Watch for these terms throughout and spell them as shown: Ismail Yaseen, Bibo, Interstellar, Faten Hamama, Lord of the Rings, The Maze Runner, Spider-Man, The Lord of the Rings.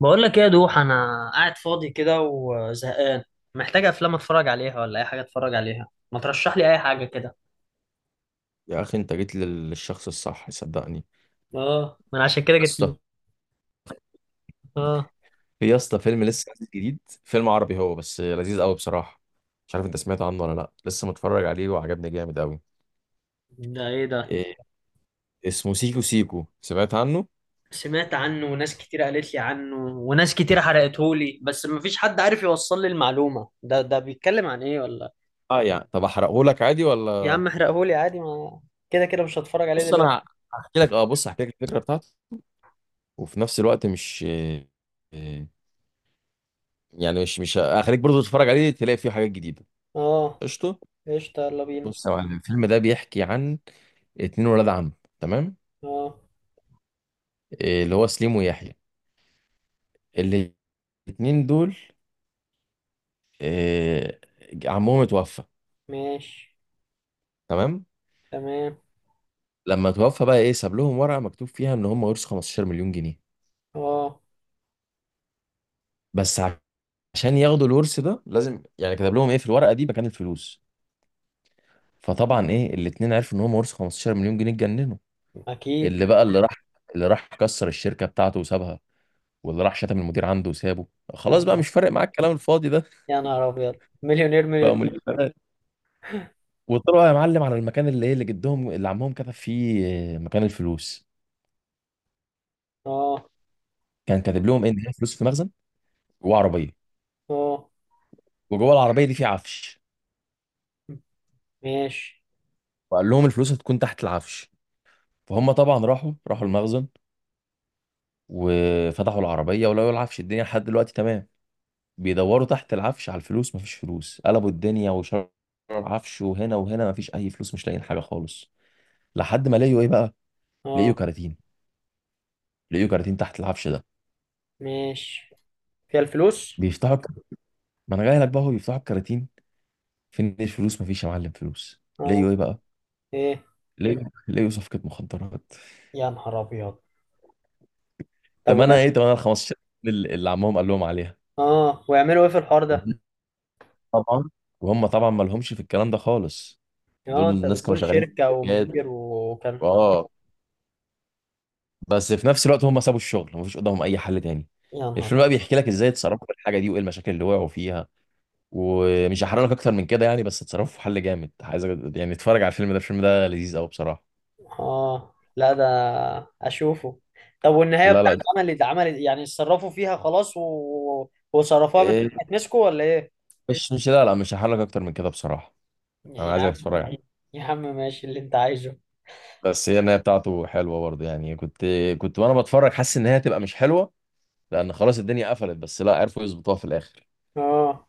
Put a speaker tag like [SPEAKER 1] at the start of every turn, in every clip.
[SPEAKER 1] بقول لك ايه يا دوح، انا قاعد فاضي كده وزهقان. محتاج افلام اتفرج عليها ولا اي حاجه اتفرج عليها، ما ترشح لي اي حاجه كده.
[SPEAKER 2] يا اخي انت جيت للشخص الصح، صدقني.
[SPEAKER 1] اه، ما انا عشان كده
[SPEAKER 2] يا
[SPEAKER 1] جيت
[SPEAKER 2] اسطى،
[SPEAKER 1] لي. اه.
[SPEAKER 2] في يا اسطى فيلم لسه نازل جديد. فيلم عربي هو، بس لذيذ قوي بصراحه. مش عارف انت سمعت عنه ولا لا، لسه متفرج عليه وعجبني جامد قوي.
[SPEAKER 1] ده ايه ده؟
[SPEAKER 2] إيه اسمه سيكو سيكو، سمعت عنه؟
[SPEAKER 1] سمعت عنه، وناس كتير قالت لي عنه، وناس كتير حرقتهولي، بس ما فيش حد عارف يوصل لي المعلومه. ده بيتكلم عن ايه ولا؟
[SPEAKER 2] اه يعني، طب احرقه لك عادي
[SPEAKER 1] يا
[SPEAKER 2] ولا؟
[SPEAKER 1] عم احرقهولي عادي، ما كده كده مش هتفرج عليه
[SPEAKER 2] بص
[SPEAKER 1] دلوقتي.
[SPEAKER 2] انا بص هحكي لك الفكره بتاعته، وفي نفس الوقت مش إيه إيه، يعني مش هخليك برضه تتفرج عليه، تلاقي فيه حاجات جديده.
[SPEAKER 1] اه.
[SPEAKER 2] قشطه.
[SPEAKER 1] قشطة، يلا بينا.
[SPEAKER 2] بص يا معلم، الفيلم ده بيحكي عن اتنين ولاد عم، تمام؟
[SPEAKER 1] اه،
[SPEAKER 2] اللي هو سليم ويحيى، اللي الاتنين دول آه، عمهم اتوفى.
[SPEAKER 1] ماشي،
[SPEAKER 2] تمام.
[SPEAKER 1] تمام.
[SPEAKER 2] لما اتوفى بقى ساب لهم ورقه مكتوب فيها ان هم ورثوا 15 مليون جنيه.
[SPEAKER 1] اه،
[SPEAKER 2] بس ع- عشان ياخدوا الورث ده لازم يعني، كتب لهم في الورقه دي مكان الفلوس. فطبعا الاتنين عرفوا ان هم ورثوا 15 مليون جنيه، اتجننوا.
[SPEAKER 1] اكيد.
[SPEAKER 2] اللي بقى اللي راح اللي راح كسر الشركه بتاعته وسابها، واللي راح شتم المدير عنده وسابه.
[SPEAKER 1] يا
[SPEAKER 2] خلاص بقى،
[SPEAKER 1] نهار،
[SPEAKER 2] مش فارق معاك الكلام الفاضي ده.
[SPEAKER 1] يا نهار ابيض! مليونير،
[SPEAKER 2] بقى
[SPEAKER 1] مليونير!
[SPEAKER 2] مليونيرات. وطلعوا يا معلم على المكان اللي ايه اللي جدهم اللي عمهم كتب فيه مكان الفلوس.
[SPEAKER 1] اه.
[SPEAKER 2] كان كاتب لهم ان هي فلوس في مخزن، جوه عربيه.
[SPEAKER 1] اه،
[SPEAKER 2] وجوه العربيه دي في عفش.
[SPEAKER 1] ماشي.
[SPEAKER 2] وقال لهم الفلوس هتكون تحت العفش. فهم طبعا راحوا المخزن، وفتحوا العربيه ولقوا العفش. الدنيا لحد دلوقتي تمام. بيدوروا تحت العفش على الفلوس، مفيش فلوس. قلبوا الدنيا وشروا العفش وهنا وهنا، مفيش اي فلوس. مش لاقيين حاجه خالص، لحد ما لقيوا بقى، لقيوا
[SPEAKER 1] اه،
[SPEAKER 2] كراتين. لقيوا كراتين تحت العفش ده.
[SPEAKER 1] ماشي، فيها الفلوس.
[SPEAKER 2] بيفتحوا الك- ما انا جاي لك بقى. هو بيفتحوا الكراتين، فين الفلوس؟ مفيش يا معلم فلوس.
[SPEAKER 1] اه،
[SPEAKER 2] لقيوا بقى،
[SPEAKER 1] ايه؟
[SPEAKER 2] لقيوا صفقه مخدرات.
[SPEAKER 1] يا نهار ابيض! طب،
[SPEAKER 2] تمنها ال 15 اللي عمهم قال لهم عليها.
[SPEAKER 1] اه، ويعملوا ايه في الحوار ده؟
[SPEAKER 2] طبعا، وهم طبعا ما لهمش في الكلام ده خالص. دول
[SPEAKER 1] اه، انت
[SPEAKER 2] الناس كانوا
[SPEAKER 1] بتقول
[SPEAKER 2] شغالين
[SPEAKER 1] شركة
[SPEAKER 2] في
[SPEAKER 1] ومدير
[SPEAKER 2] الشركات،
[SPEAKER 1] وكان.
[SPEAKER 2] اه. بس في نفس الوقت هم سابوا الشغل، مفيش قدامهم اي حل تاني.
[SPEAKER 1] يا نهار
[SPEAKER 2] الفيلم بقى
[SPEAKER 1] أبيض.
[SPEAKER 2] بيحكي لك ازاي اتصرفوا في الحاجه دي، وايه المشاكل اللي وقعوا فيها. ومش هحرق لك اكتر من كده يعني، بس اتصرفوا في حل جامد عايز. يعني اتفرج على الفيلم ده، الفيلم ده لذيذ قوي بصراحه.
[SPEAKER 1] اه، لا، ده اشوفه. طب، والنهاية
[SPEAKER 2] لا
[SPEAKER 1] بتاعت
[SPEAKER 2] لا،
[SPEAKER 1] عمل، يعني اتصرفوا فيها خلاص و... وصرفوها من؟
[SPEAKER 2] إيه،
[SPEAKER 1] هتمسكوا ولا ايه؟
[SPEAKER 2] مش لا لا، مش هحرق لك اكتر من كده بصراحه. انا
[SPEAKER 1] يا
[SPEAKER 2] عايزك
[SPEAKER 1] عم.
[SPEAKER 2] تتفرج عليه.
[SPEAKER 1] يا عم، ماشي اللي انت عايزه.
[SPEAKER 2] بس هي النهايه بتاعته حلوه برضه يعني، كنت وانا بتفرج حاسس ان هي هتبقى مش حلوه، لان خلاص الدنيا قفلت، بس لا، عرفوا يظبطوها في الاخر.
[SPEAKER 1] اه،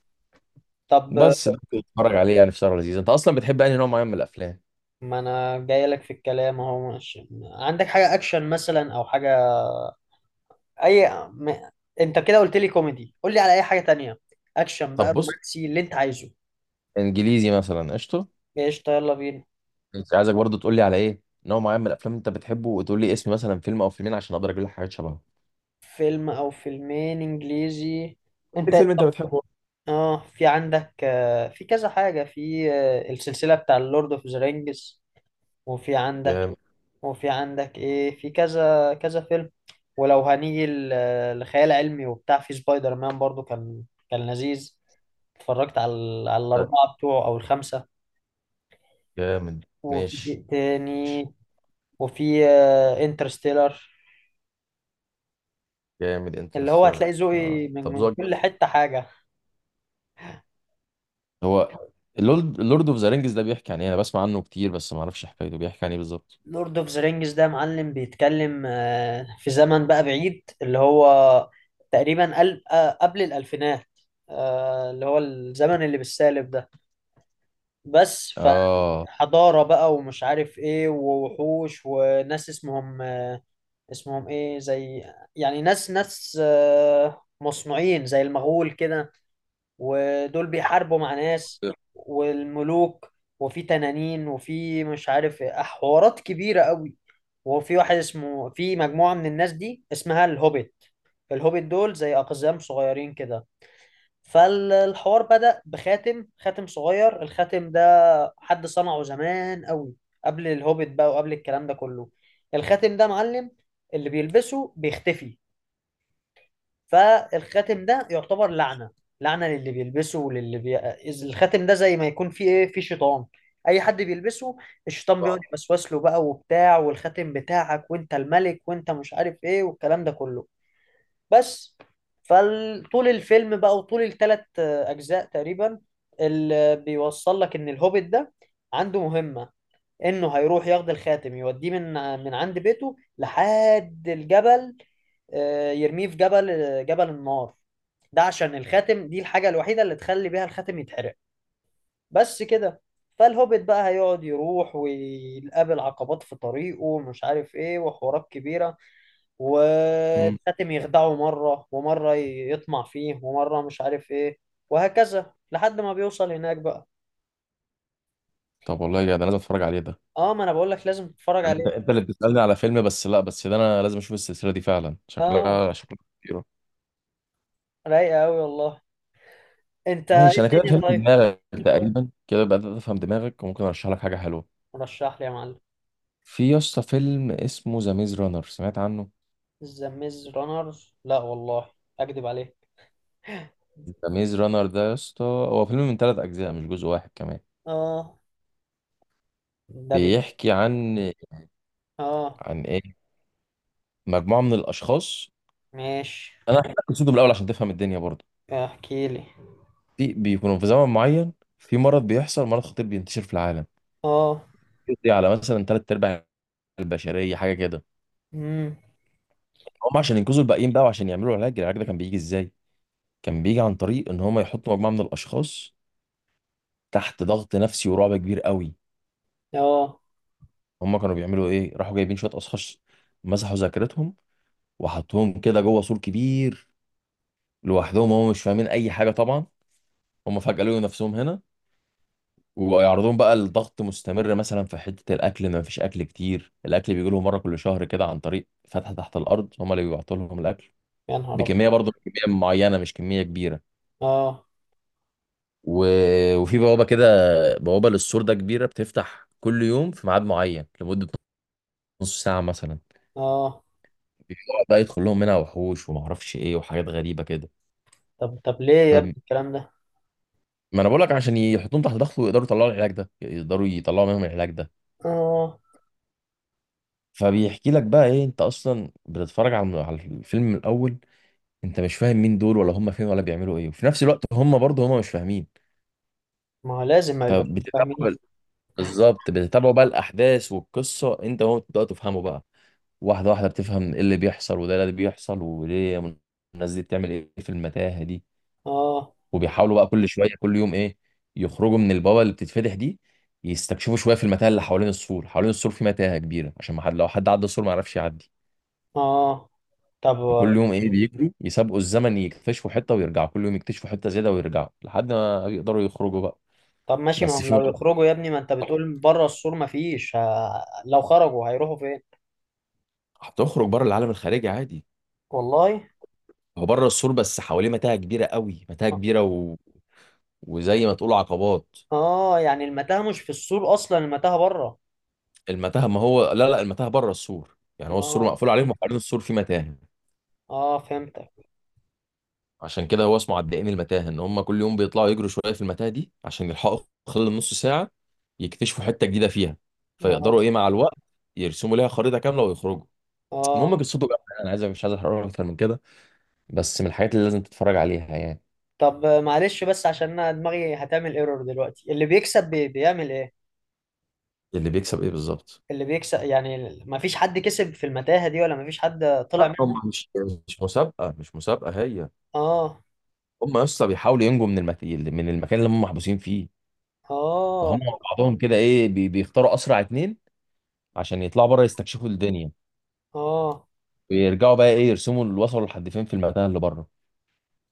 [SPEAKER 1] طب،
[SPEAKER 2] بس ده كنت بتفرج عليه يعني في شهر لذيذ. انت اصلا بتحب انهي نوع معين من الافلام؟
[SPEAKER 1] ما انا جاي لك في الكلام اهو. ماشي، عندك حاجة اكشن مثلا او حاجة؟ اي م... انت كده قلت لي كوميدي، قول لي على اي حاجه تانية. اكشن بقى،
[SPEAKER 2] طب بص،
[SPEAKER 1] رومانسي، اللي انت عايزه.
[SPEAKER 2] انجليزي مثلا، قشطه.
[SPEAKER 1] قشطه، يلا بينا.
[SPEAKER 2] انت عايزك برضه تقول لي على ايه نوع معين من الافلام انت بتحبه، وتقول لي اسم مثلا فيلم او فيلمين عشان اقدر اجيب لك حاجات شبهه.
[SPEAKER 1] فيلم او فيلمين انجليزي؟
[SPEAKER 2] ايه
[SPEAKER 1] انت،
[SPEAKER 2] فيلم انت
[SPEAKER 1] طب.
[SPEAKER 2] بتحبه؟
[SPEAKER 1] اه، في عندك، في كذا حاجه، في السلسله بتاع اللورد اوف ذا رينجز. وفي عندك.
[SPEAKER 2] جامد.
[SPEAKER 1] وفي عندك ايه، في كذا كذا فيلم. ولو هنيجي لخيال علمي وبتاع، في سبايدر مان برضو كان، كان لذيذ. اتفرجت على الاربعه بتوعه او الخمسه.
[SPEAKER 2] جامد
[SPEAKER 1] وفي
[SPEAKER 2] ماشي.
[SPEAKER 1] إيه تاني؟ وفي انترستيلر.
[SPEAKER 2] جامد
[SPEAKER 1] اللي هو
[SPEAKER 2] انترستيلر.
[SPEAKER 1] هتلاقي
[SPEAKER 2] اه
[SPEAKER 1] ذوقي من
[SPEAKER 2] طب
[SPEAKER 1] من
[SPEAKER 2] ذوقك جامد.
[SPEAKER 1] كل حتة حاجة.
[SPEAKER 2] هو اللورد اوف ذا رينجز ده بيحكي عن ايه؟ انا بسمع عنه كتير بس ما اعرفش حكايته، بيحكي عن ايه بالظبط؟
[SPEAKER 1] لورد اوف ذا رينجز ده معلم، بيتكلم في زمن بقى بعيد، اللي هو تقريبا قبل الألفينات. اللي هو الزمن اللي بالسالب ده. بس.
[SPEAKER 2] اه،
[SPEAKER 1] فحضارة بقى، ومش عارف ايه، ووحوش، وناس اسمهم اسمهم ايه، زي، يعني ناس مصنوعين زي المغول كده. ودول بيحاربوا مع ناس والملوك، وفي تنانين، وفي مش عارف إيه، حوارات كبيرة قوي. وفي واحد اسمه، في مجموعة من الناس دي اسمها الهوبيت. الهوبيت دول زي أقزام صغيرين كده. فالحوار بدأ بخاتم صغير. الخاتم ده حد صنعه زمان قوي، قبل الهوبيت بقى وقبل الكلام ده كله. الخاتم ده معلم، اللي بيلبسه بيختفي. فالخاتم ده يعتبر لعنة، لعنة للي بيلبسه الخاتم ده زي ما يكون فيه ايه، فيه شيطان. اي حد بيلبسه، الشيطان بيقعد يوسوس له بقى وبتاع، والخاتم بتاعك وانت الملك وانت مش عارف ايه، والكلام ده كله. بس. فطول الفيلم بقى وطول الثلاث اجزاء تقريبا، اللي بيوصل لك ان الهوبيت ده عنده مهمة، انه هيروح ياخد الخاتم يوديه من عند بيته لحد الجبل. يرميه في جبل، جبل النار. ده عشان الخاتم دي الحاجة الوحيدة اللي تخلي بيها الخاتم يتحرق. بس كده. فالهوبيت بقى هيقعد يروح ويقابل عقبات في طريقه، ومش عارف ايه، وحوارات كبيرة.
[SPEAKER 2] مم.
[SPEAKER 1] والخاتم يخدعه مرة ومرة يطمع فيه، ومرة مش عارف ايه. وهكذا لحد ما بيوصل هناك بقى.
[SPEAKER 2] طب والله يا جدع، انا لازم اتفرج عليه ده.
[SPEAKER 1] اه، ما انا بقول لك لازم تتفرج
[SPEAKER 2] يعني انت
[SPEAKER 1] عليه.
[SPEAKER 2] انت اللي بتسالني على فيلم، بس لا، بس ده انا لازم اشوف السلسله دي فعلا،
[SPEAKER 1] اه.
[SPEAKER 2] شكلها كتير.
[SPEAKER 1] رايقة قوي والله. انت ايه؟
[SPEAKER 2] ماشي، انا كده
[SPEAKER 1] الدنيا
[SPEAKER 2] فهمت
[SPEAKER 1] طيب.
[SPEAKER 2] دماغك تقريبا، كده بدات افهم دماغك وممكن ارشح لك حاجه حلوه.
[SPEAKER 1] رشح لي يا معلم.
[SPEAKER 2] في يا اسطى فيلم اسمه ذا ميز رانر، سمعت عنه؟
[SPEAKER 1] ذا ميز رانر؟ لا والله، اكدب عليك.
[SPEAKER 2] ذا ميز رانر ده يا اسطى هو فيلم من ثلاث اجزاء، مش جزء واحد كمان.
[SPEAKER 1] اه. ده بي.
[SPEAKER 2] بيحكي عن،
[SPEAKER 1] اه،
[SPEAKER 2] ايه مجموعه من الاشخاص.
[SPEAKER 1] ماشي،
[SPEAKER 2] انا هحكي لك قصته من الاول عشان تفهم الدنيا برضه.
[SPEAKER 1] احكي لي.
[SPEAKER 2] في بيكونوا في زمن معين، في مرض بيحصل، مرض خطير بينتشر في العالم،
[SPEAKER 1] اه.
[SPEAKER 2] بيقضي على مثلا ثلاث ارباع البشريه، حاجه كده.
[SPEAKER 1] امم.
[SPEAKER 2] هم عشان ينقذوا الباقيين بقى، وعشان يعملوا العلاج، العلاج ده كان بيجي ازاي؟ كان بيجي عن طريق ان هم يحطوا مجموعه من الاشخاص تحت ضغط نفسي ورعب كبير قوي.
[SPEAKER 1] اه،
[SPEAKER 2] هم كانوا بيعملوا ايه؟ راحوا جايبين شويه اشخاص، مسحوا ذاكرتهم، وحطوهم كده جوه سور كبير لوحدهم. هم مش فاهمين اي حاجه طبعا، هم فجاه لقوا نفسهم هنا. ويعرضون بقى لضغط مستمر، مثلا في حته الاكل، ما فيش اكل كتير، الاكل بيجي لهم مره كل شهر كده، عن طريق فتحه تحت الارض، هم اللي بيبعتوا لهم الاكل
[SPEAKER 1] يا نهار ابيض.
[SPEAKER 2] بكميه برضه، كميه معينه مش كميه كبيره.
[SPEAKER 1] اه.
[SPEAKER 2] و... وفي بوابة كده، بوابة للسور ده كبيرة، بتفتح كل يوم في ميعاد معين لمدة نص ساعة مثلا.
[SPEAKER 1] اه،
[SPEAKER 2] بيقعد بقى يدخل لهم منها وحوش ومعرفش ايه وحاجات غريبة كده.
[SPEAKER 1] طب طب، ليه يا
[SPEAKER 2] طب،
[SPEAKER 1] ابني الكلام ده؟
[SPEAKER 2] ما انا بقول لك عشان يحطوهم تحت ضغط، ويقدروا يطلعوا العلاج ده، يقدروا يطلعوا منهم العلاج ده.
[SPEAKER 1] اه.
[SPEAKER 2] فبيحكي لك بقى انت اصلا بتتفرج على على الفيلم من الاول، انت مش فاهم مين دول ولا هم فين ولا بيعملوا ايه، وفي نفس الوقت هم برضه هم مش فاهمين.
[SPEAKER 1] ما هو لازم ما يبقى
[SPEAKER 2] فبتتابعوا
[SPEAKER 1] فاهمين.
[SPEAKER 2] بال- بالظبط، بتتابعوا بقى الاحداث والقصة، انت وهو بتبداوا تفهموا بقى واحدة واحدة. بتفهم ايه اللي بيحصل، وده اللي بيحصل وليه. الناس دي بتعمل ايه في المتاهة دي؟
[SPEAKER 1] اه.
[SPEAKER 2] وبيحاولوا بقى كل شوية كل يوم يخرجوا من البابا اللي بتتفتح دي، يستكشفوا شوية في المتاهة اللي حوالين السور. في متاهة كبيرة عشان ما حد، لو حد عدى السور ما يعرفش يعدي.
[SPEAKER 1] اه، طب
[SPEAKER 2] فكل يوم بيجروا يسابقوا الزمن، يكتشفوا حتة ويرجعوا، كل يوم يكتشفوا حتة زيادة ويرجعوا، لحد ما يقدروا يخرجوا بقى.
[SPEAKER 1] طب، ماشي، ما
[SPEAKER 2] بس
[SPEAKER 1] هم
[SPEAKER 2] في
[SPEAKER 1] لو
[SPEAKER 2] مرة
[SPEAKER 1] يخرجوا يا ابني، ما انت بتقول بره السور ما فيش، لو خرجوا هيروحوا فين؟
[SPEAKER 2] هتخرج بره، العالم الخارجي عادي،
[SPEAKER 1] والله.
[SPEAKER 2] هو بره السور بس حواليه متاهة كبيرة قوي، متاهة كبيرة و... وزي ما تقول عقبات.
[SPEAKER 1] اه، يعني المتاهة مش في السور اصلا، المتاهة بره.
[SPEAKER 2] المتاهه، ما هو لا لا، المتاهه بره السور يعني، هو السور
[SPEAKER 1] اه،
[SPEAKER 2] مقفول عليهم وحوالين السور في متاهه.
[SPEAKER 1] اه، فهمتك.
[SPEAKER 2] عشان كده هو اسمه عدائين المتاهه، ان هم كل يوم بيطلعوا يجروا شويه في المتاهه دي عشان يلحقوا خلال نص ساعه يكتشفوا حته جديده فيها.
[SPEAKER 1] اه.
[SPEAKER 2] فيقدروا مع الوقت يرسموا ليها خريطه كامله ويخرجوا. المهم
[SPEAKER 1] اه،
[SPEAKER 2] قصته بقى، انا عايز مش عايز احرق اكتر من كده، بس من الحاجات اللي لازم تتفرج عليها يعني.
[SPEAKER 1] طب، معلش، بس عشان انا دماغي هتعمل ايرور دلوقتي، اللي بيكسب بيعمل ايه؟
[SPEAKER 2] اللي بيكسب ايه بالظبط؟
[SPEAKER 1] اللي بيكسب، يعني ما فيش حد كسب في المتاهة دي ولا ما فيش حد طلع
[SPEAKER 2] لا،
[SPEAKER 1] منها؟
[SPEAKER 2] هم مش، مش مسابقه هي.
[SPEAKER 1] اه.
[SPEAKER 2] هم يا اسطى بيحاولوا ينجوا من من المكان اللي هم محبوسين فيه.
[SPEAKER 1] اه.
[SPEAKER 2] فهم مع بعضهم كده بيختاروا اسرع اتنين، عشان يطلعوا بره يستكشفوا الدنيا،
[SPEAKER 1] اه.
[SPEAKER 2] ويرجعوا بقى يرسموا اللي وصلوا لحد فين في المكان اللي بره.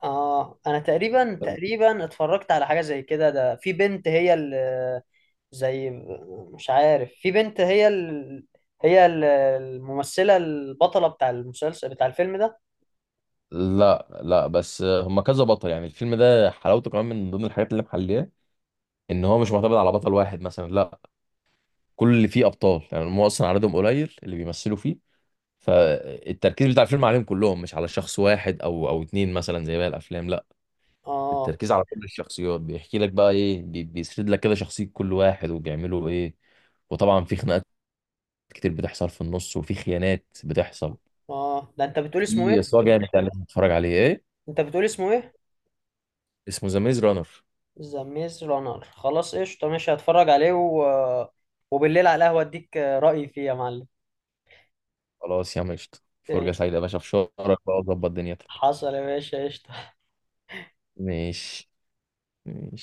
[SPEAKER 1] اه، انا تقريبا اتفرجت على حاجة زي كده، ده في بنت هي اللي، زي، مش عارف، في بنت هي هي الممثلة البطلة بتاع المسلسل، بتاع الفيلم ده.
[SPEAKER 2] لا لا، بس هم كذا بطل يعني، الفيلم ده حلاوته كمان من ضمن الحاجات اللي محليه، ان هو مش معتمد على بطل واحد مثلا، لا. كل اللي فيه ابطال يعني، هم اصلا عددهم قليل اللي بيمثلوا فيه، فالتركيز بتاع الفيلم عليهم كلهم، مش على شخص واحد او اتنين مثلا زي باقي الافلام، لا.
[SPEAKER 1] اه.
[SPEAKER 2] التركيز على كل الشخصيات، بيحكي لك بقى بيسرد لك كده شخصيه كل واحد وبيعملوا ايه. وطبعا في خناقات كتير بتحصل في النص، وفي خيانات بتحصل،
[SPEAKER 1] اه، ده انت بتقول اسمه
[SPEAKER 2] في
[SPEAKER 1] ايه؟
[SPEAKER 2] صراع جامد يعني لازم تتفرج عليه.
[SPEAKER 1] انت بتقول اسمه ايه؟
[SPEAKER 2] اسمه ذا ميز رانر.
[SPEAKER 1] ذا ميز رانر، خلاص قشطة، ماشي، هتفرج عليه و... وبالليل على القهوة اديك رأيي فيه يا معلم.
[SPEAKER 2] خلاص يا عم، قشطة، فرجة سعيدة
[SPEAKER 1] قشطة.
[SPEAKER 2] يا باشا، في شهرك بقى وظبط دنيتك.
[SPEAKER 1] حصل يا باشا، قشطة.
[SPEAKER 2] ماشي.